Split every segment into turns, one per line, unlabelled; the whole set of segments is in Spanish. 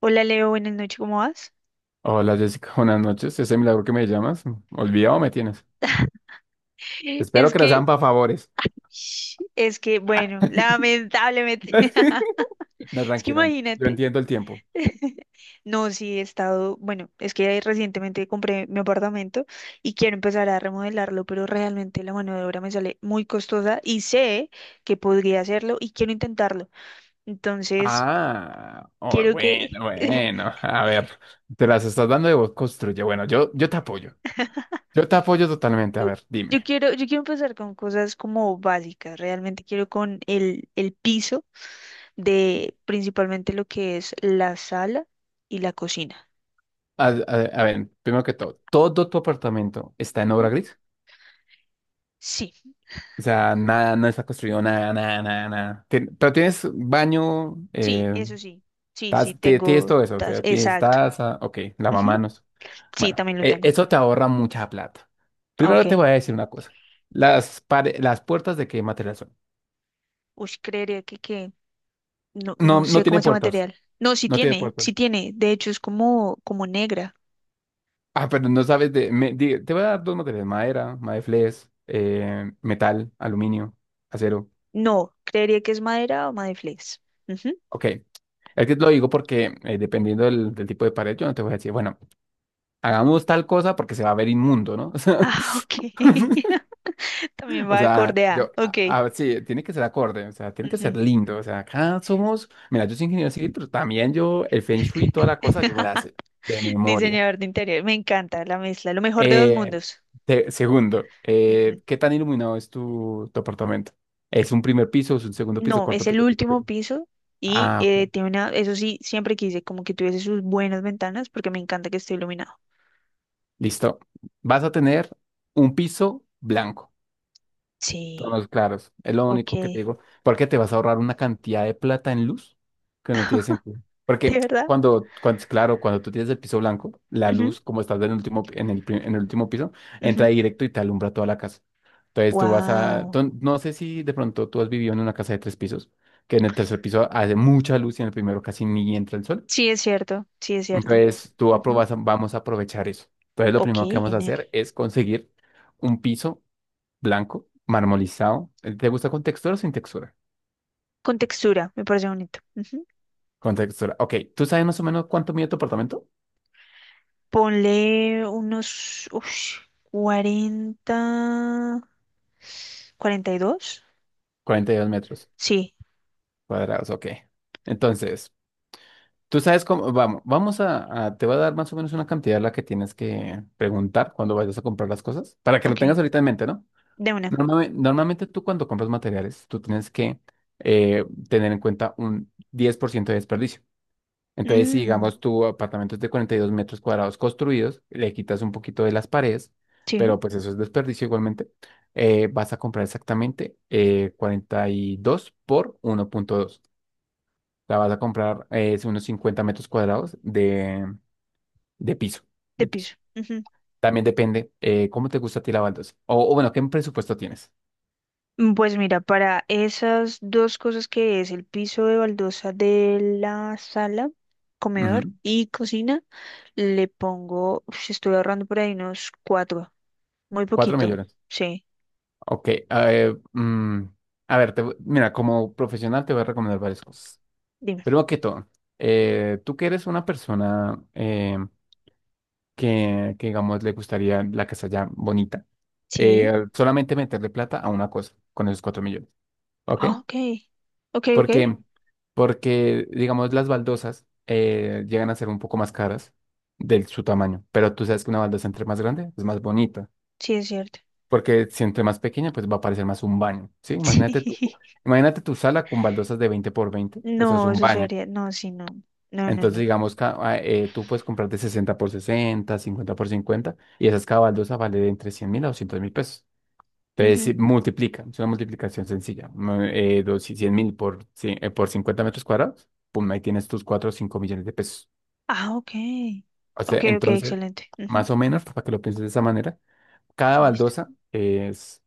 Hola Leo, buenas noches, ¿cómo vas?
Hola Jessica, buenas noches. Ese milagro que me llamas, ¿olvidado me tienes? Espero
Es
que las sean
que,
para favores.
es que, bueno, lamentablemente,
No,
es que
tranquila, yo
imagínate.
entiendo el tiempo.
No, sí, he estado, bueno, es que recientemente compré mi apartamento y quiero empezar a remodelarlo, pero realmente la mano de obra me sale muy costosa y sé que podría hacerlo y quiero intentarlo. Entonces,
Ah, oh,
quiero
bueno,
que,
bueno, a ver, te las estás dando de vos, construye. Bueno, yo te apoyo, yo te apoyo totalmente. A ver,
yo
dime.
quiero, yo quiero empezar con cosas como básicas, realmente quiero con el piso. De principalmente lo que es la sala y la cocina.
A, a- a ver, primero que todo, ¿todo tu apartamento está en obra
Ujú.
gris?
Sí,
O sea, nada, no está construido, nada, nada, nada, nada. Pero tienes baño,
sí,
eh,
eso sí. Sí, sí,
Estás- ti- Tienes todo eso, o sea, tienes
exacto.
taza, ok,
Ujú.
lavamanos.
Sí,
Bueno,
también lo tengo.
eso te ahorra mucha plata.
Ah, ok.
Primero te voy a decir una cosa. Las puertas de qué material son.
Uy, creería que no,
No,
no
no
sé cómo
tiene
es el
puertas,
material. No, sí
no tiene
tiene,
puertas.
sí tiene. De hecho, es como negra.
Ah, pero no sabes de. Te voy a dar dos materiales, madera, madeflex, metal, aluminio, acero.
No, creería que es madera o madeflex. Ujú.
Ok, es que lo digo porque dependiendo del tipo de pared, yo no te voy a decir, bueno, hagamos tal cosa porque se va a ver inmundo, ¿no?
Ah, ok. También
O
va
sea,
acorde a. Ok.
sí, tiene que ser acorde, o sea, tiene que ser
Ujú.
lindo. O sea, acá somos, mira, yo soy ingeniero civil, pero también yo, el Feng Shui y toda la cosa, yo me la sé de memoria.
Diseñador de interior. Me encanta la mezcla. Lo mejor de dos
Eh,
mundos.
Segundo,
Ujú.
¿qué tan iluminado es tu apartamento? ¿Es un primer piso, es un segundo piso,
No, es
cuarto
el
piso, quinto
último
piso?
piso y
Ah, bueno,
tiene una, eso sí, siempre quise como que tuviese sus buenas ventanas porque me encanta que esté iluminado.
listo. Vas a tener un piso blanco.
Sí,
Tonos claros. Es lo
ok.
único que te
¿De
digo. Porque te vas a ahorrar una cantidad de plata en luz que no tiene sentido. Porque
verdad?
claro, cuando tú tienes el piso blanco, la
Ujú,
luz, como estás en el último, en el último piso, entra
ujú.
directo y te alumbra toda la casa. Entonces tú vas a,
Wow.
tú- no sé si de pronto tú has vivido en una casa de tres pisos, que en el tercer piso hace mucha luz y en el primero casi ni entra el sol.
Sí, es cierto, sí, es cierto.
Entonces tú
Ujú.
aprobas, vamos a aprovechar eso. Entonces lo
Ok,
primero que vamos a
genial.
hacer es conseguir un piso blanco, marmolizado. ¿Te gusta con textura o sin textura?
Con textura, me parece bonito. Ujú.
Con textura. Ok, ¿tú sabes más o menos cuánto mide tu apartamento?
Ponle unos 40, 42.
Cuarenta y dos metros
Sí,
cuadrados, ok. Entonces, tú sabes cómo, te voy a dar más o menos una cantidad a la que tienes que preguntar cuando vayas a comprar las cosas, para que lo
ok,
tengas ahorita en mente, ¿no?
de una.
Normalmente, tú cuando compras materiales, tú tienes que eh, tener en cuenta un 10% de desperdicio. Entonces, si
Mm,
digamos tu apartamento es de 42 metros cuadrados construidos, le quitas un poquito de las paredes,
sí,
pero pues eso es desperdicio igualmente, vas a comprar exactamente 42 por 1.2. O sea, vas a comprar unos 50 metros cuadrados de piso,
de
de piso.
piso.
También depende cómo te gusta a ti la baldosa. O bueno, ¿qué presupuesto tienes?
Pues mira, para esas dos cosas que es el piso de baldosa de la sala, comedor
Ujú,
y cocina, le pongo, uf, estoy ahorrando por ahí unos cuatro, muy
4
poquito,
millones.
sí,
Ok. A ver, mira, como profesional te voy a recomendar varias cosas.
dime.
Primero que todo, tú que eres una persona, digamos, le gustaría la casa ya bonita,
Sí,
solamente meterle plata a una cosa con esos 4 millones, ¿ok?
ah, ok, ok, ok,
Porque, porque, digamos, las baldosas llegan a ser un poco más caras de su tamaño, pero tú sabes que una baldosa entre más grande es más bonita,
sí es cierto.
porque si entre más pequeña, pues va a parecer más un baño, ¿sí? Imagínate tú,
Sí,
imagínate tu sala con baldosas de 20 por 20, eso es
no,
un
eso
baño.
sería, no, sí, no, no, no,
Entonces,
no.
digamos, tú puedes comprar de 60 por 60, 50 por 50 y esas cabaldosas vale de entre 100.000 a 200.000 pesos. Entonces,
Ujú.
si multiplica, es una multiplicación sencilla. Si 100.000 por, 100 por 50 metros cuadrados, pum, ahí tienes tus 4 o 5 millones de pesos.
Ah, ok,
O
ok,
sea,
ok,
entonces,
excelente. Ujú,
más o menos, para que lo pienses de esa manera, cada
listo.
baldosa es,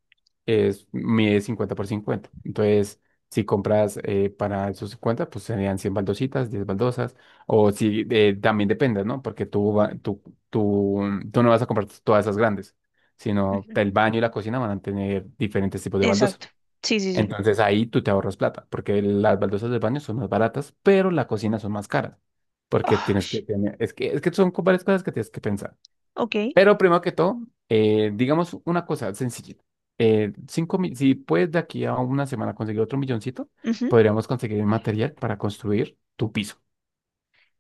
es, mide 50 por 50. Entonces, si compras para esos 50 pues serían 100 baldositas, 10 baldosas. O si también depende, ¿no? Porque tú, va- tú, tú no vas a comprar todas esas grandes, sino
Ujú,
el baño y la cocina van a tener diferentes tipos de baldosas.
exacto, sí, sí, sí.
Entonces ahí tú te ahorras plata, porque las baldosas del baño son más baratas, pero la cocina son más caras, porque
Ah,
tienes que tener, es que son varias cosas que tienes que pensar.
ok.
Pero primero que todo, digamos una cosa sencilla. Si puedes de aquí a una semana conseguir otro milloncito, podríamos conseguir el material para construir tu piso.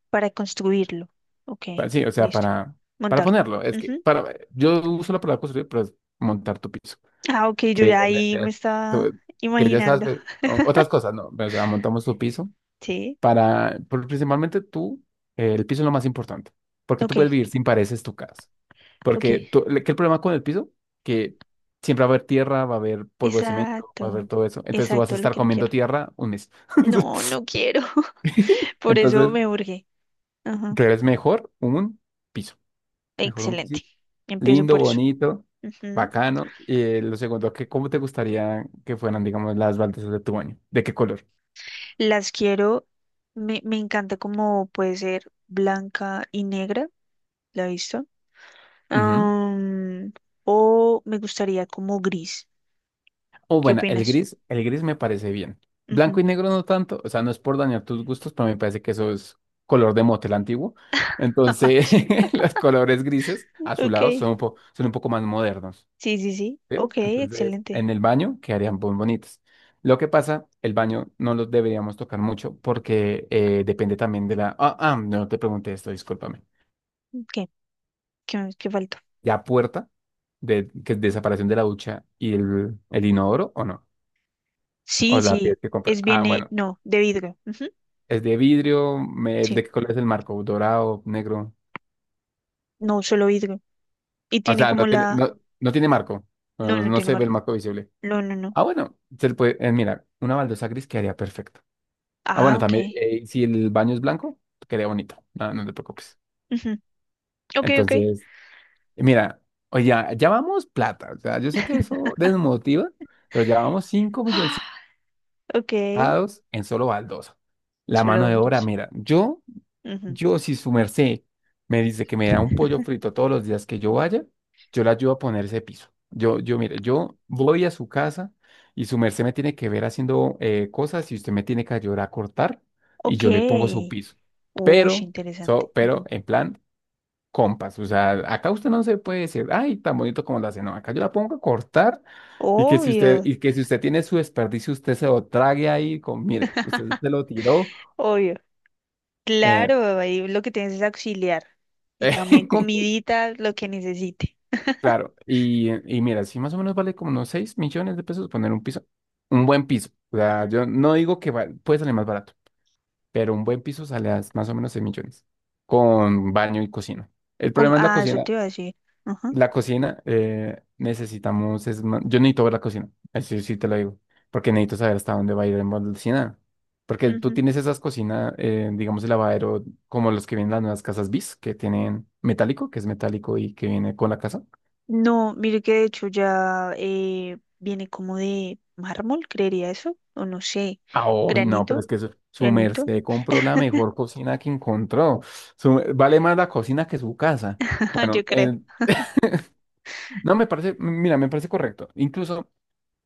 Para construirlo. Ok,
Sí, o sea,
listo.
para
Montarlo.
ponerlo. Es que
Ujú.
para, yo uso la palabra construir, pero es montar tu piso.
Ah, ok, yo
Que,
ya
ve-
ahí me
ve-
estaba
tú- que ya estás,
imaginando.
ve- o- otras cosas, no. O sea, montamos tu piso
Sí.
para, principalmente tú, el piso es lo más importante, porque tú
Ok,
puedes vivir sin paredes tu casa.
ok.
Porque ¿qué el problema con el piso? Que siempre va a haber tierra, va a haber polvo de cemento, va a haber
Exacto.
todo eso. Entonces tú vas a
Exacto, lo
estar
que no
comiendo
quiero.
tierra un mes.
No, no quiero. Por eso
Entonces,
me urge. Ajá.
creo es mejor un piso. Mejor un piso
Excelente. Empiezo
lindo,
por eso.
bonito,
Ujú.
bacano. Y lo segundo, que ¿cómo te gustaría que fueran, digamos, las baldosas de tu baño? ¿De qué color?
Las quiero. Me encanta como puede ser blanca y negra. ¿La he visto?
Ujú.
Am, o me gustaría como gris.
O
¿Qué
bueno,
opinas?
el gris me parece bien. Blanco y negro no tanto, o sea, no es por dañar tus gustos, pero me parece que eso es color de motel antiguo. Entonces, los colores grises
Ok,
azulados son
sí,
un poco más modernos,
sí, sí.
¿sí?
Ok,
Entonces,
excelente.
en el baño quedarían muy bonitos. Lo que pasa, el baño no los deberíamos tocar mucho porque depende también de la. Ah, ah, no te pregunté esto, discúlpame.
¿Qué? ¿Qué falta?
¿Ya puerta que separación de la ducha y el inodoro o no? O
Sí,
la
sí,
tienes que comprar.
es
Ah,
viene,
bueno.
no, de vidrio. Ujú,
Es de vidrio, el
sí,
de qué color es el marco, dorado, negro.
no, solo vidrio. Y
O
tiene
sea,
como
no tiene,
la.
no, no tiene marco.
No,
No,
no
no
tiene
se ve el
marco.
marco visible.
No, no, no.
Ah, bueno, se le puede, mira, una baldosa gris quedaría perfecto. Ah,
Ah,
bueno,
ok.
también, si el baño es blanco, quedaría bonito. No, no te preocupes.
Ujú, ok, ok.
Entonces, mira, oye, ya, ya vamos plata. O sea, yo sé que eso desmotiva, pero ya vamos 5 milloncitos
Ok,
en solo baldosa. La
solo
mano de
el
obra,
dos.
mira, yo.
Ujú.
Yo, si su merced me dice que me da un pollo frito todos los días que yo vaya, yo le ayudo a poner ese piso. Yo, mire, yo voy a su casa y su merced me tiene que ver haciendo cosas y usted me tiene que ayudar a cortar y
Ok.
yo le pongo su piso.
Uy,
Pero,
interesante.
pero
Ujú.
en plan, compas, o sea, acá usted no se puede decir, ay, tan bonito como lo hace, no, acá yo la pongo a cortar y que si usted,
Obvio,
y que si usted tiene su desperdicio, usted se lo trague ahí con, mire, usted se lo tiró.
obvio.
eh,
Claro, ahí lo que tienes es auxiliar. Y también comidita, lo que necesite.
Claro, y mira, si más o menos vale como unos 6 millones de pesos poner un piso, un buen piso. O sea, yo no digo que puede salir más barato, pero un buen piso sale a más o menos 6 millones con baño y cocina. El problema es la
Eso
cocina.
te iba a decir. Ajá.
La cocina necesitamos, yo necesito ver la cocina, así sí te lo digo, porque necesito saber hasta dónde va a ir en la cocina. Porque tú
Ujú.
tienes esas cocinas, digamos, el lavadero, como los que vienen en las nuevas casas bis, que tienen metálico, que es metálico y que viene con la casa.
No, mire que de hecho ya viene como de mármol, creería eso, o no sé,
Ah, uy, no, pero
granito,
es que su
granito,
merced compró la mejor cocina que encontró. Vale más la cocina que su casa.
ajá,
Bueno,
yo creo.
no me parece, mira, me parece correcto. Incluso,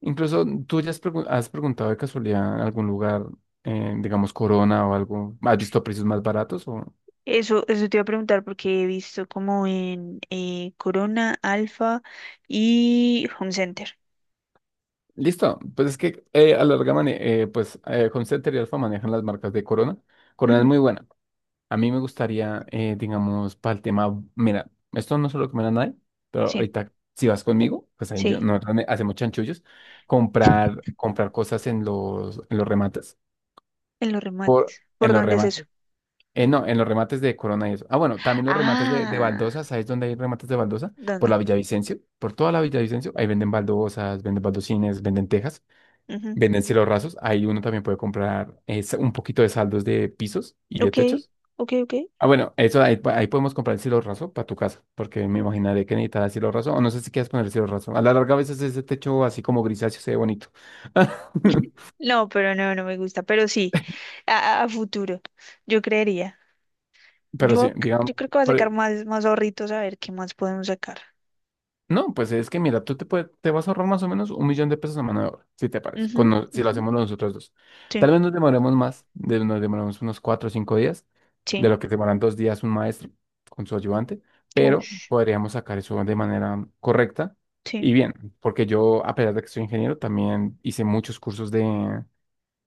incluso tú ya has preguntado de casualidad en algún lugar, digamos Corona o algo, ¿has visto precios más baratos o?
Eso te iba a preguntar porque he visto como en Corona, Alfa y Home Center.
Listo, pues es que a la larga Concepter y Alfa manejan las marcas de Corona. Corona es
Ujú,
muy buena. A mí me gustaría, digamos, para el tema, mira, esto no es lo que me da nadie, pero
sí,
ahorita si vas conmigo, pues ahí yo,
sí,
nosotros hacemos chanchullos, comprar cosas
en los remates.
en
¿Por
los
dónde es eso?
remates, no, en los remates de Corona y eso. Ah, bueno, también los remates de
Ah,
baldosa, ¿sabes dónde hay remates de baldosa? Por la
¿dónde?
Villavicencio, por toda la Villavicencio, ahí venden baldosas, venden baldosines, venden tejas,
Ujú,
venden cielos rasos, ahí uno también puede comprar un poquito de saldos de pisos y de
ok,
techos.
ok, ok.
Ah, bueno, eso ahí, ahí podemos comprar el cielo raso para tu casa, porque me imaginaré que necesitarás cielo raso, o no sé si quieres poner el cielo raso. A la larga, a veces ese techo así como grisáceo se ve bonito.
No, pero no, no me gusta, pero sí, a futuro, yo creería.
Pero sí,
Yo, c-
digamos,
yo creo que va a
por,
sacar
e
más, más ahorritos a ver qué más podemos sacar.
No, pues es que mira, tú te, te vas a ahorrar más o menos un millón de pesos a mano de obra, si te parece,
Ujú,
con no- si lo
ujú,
hacemos nosotros dos.
sí,
Tal vez nos demoremos más, nos demoremos unos 4 o 5 días, de
sí,
lo que demoran 2 días un maestro con su ayudante, pero
ush,
podríamos sacar eso de manera correcta y
sí,
bien, porque yo, a pesar de que soy ingeniero, también hice muchos cursos de,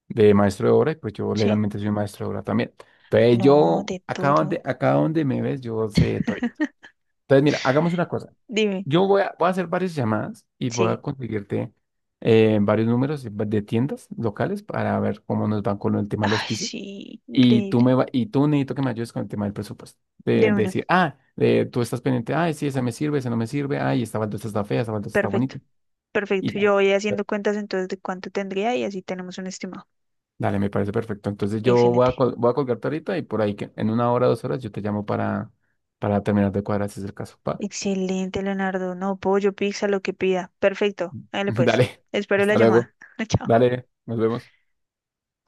de maestro de obra y pues yo
sí.
legalmente soy maestro de obra también. Entonces
No,
yo,
de todo.
acá donde me ves, yo sé todo. Entonces mira, hagamos una cosa.
Dime,
Yo voy a, voy a hacer varias llamadas y voy a
sí.
conseguirte varios números de tiendas locales para ver cómo nos van con el tema de los
Ay,
pisos.
sí,
Y
increíble.
tú necesito que me ayudes con el tema del presupuesto. De
De una,
decir, ah, tú estás pendiente, ay, sí, esa me sirve, esa no me sirve, ay, esta baldosa está fea, esta baldosa está
perfecto,
bonito. Y
perfecto.
ya.
Yo voy
Per-
haciendo cuentas entonces de cuánto tendría y así tenemos un estimado.
Dale, me parece perfecto. Entonces yo voy a,
Excelente,
voy a colgarte ahorita y por ahí que en una hora, 2 horas yo te llamo para, terminar de cuadrar si es el caso. Pa.
excelente, Leonardo. No, pollo, pizza, lo que pida. Perfecto, dale pues.
Dale,
Espero la
hasta luego.
llamada. Chao.
Dale, nos vemos.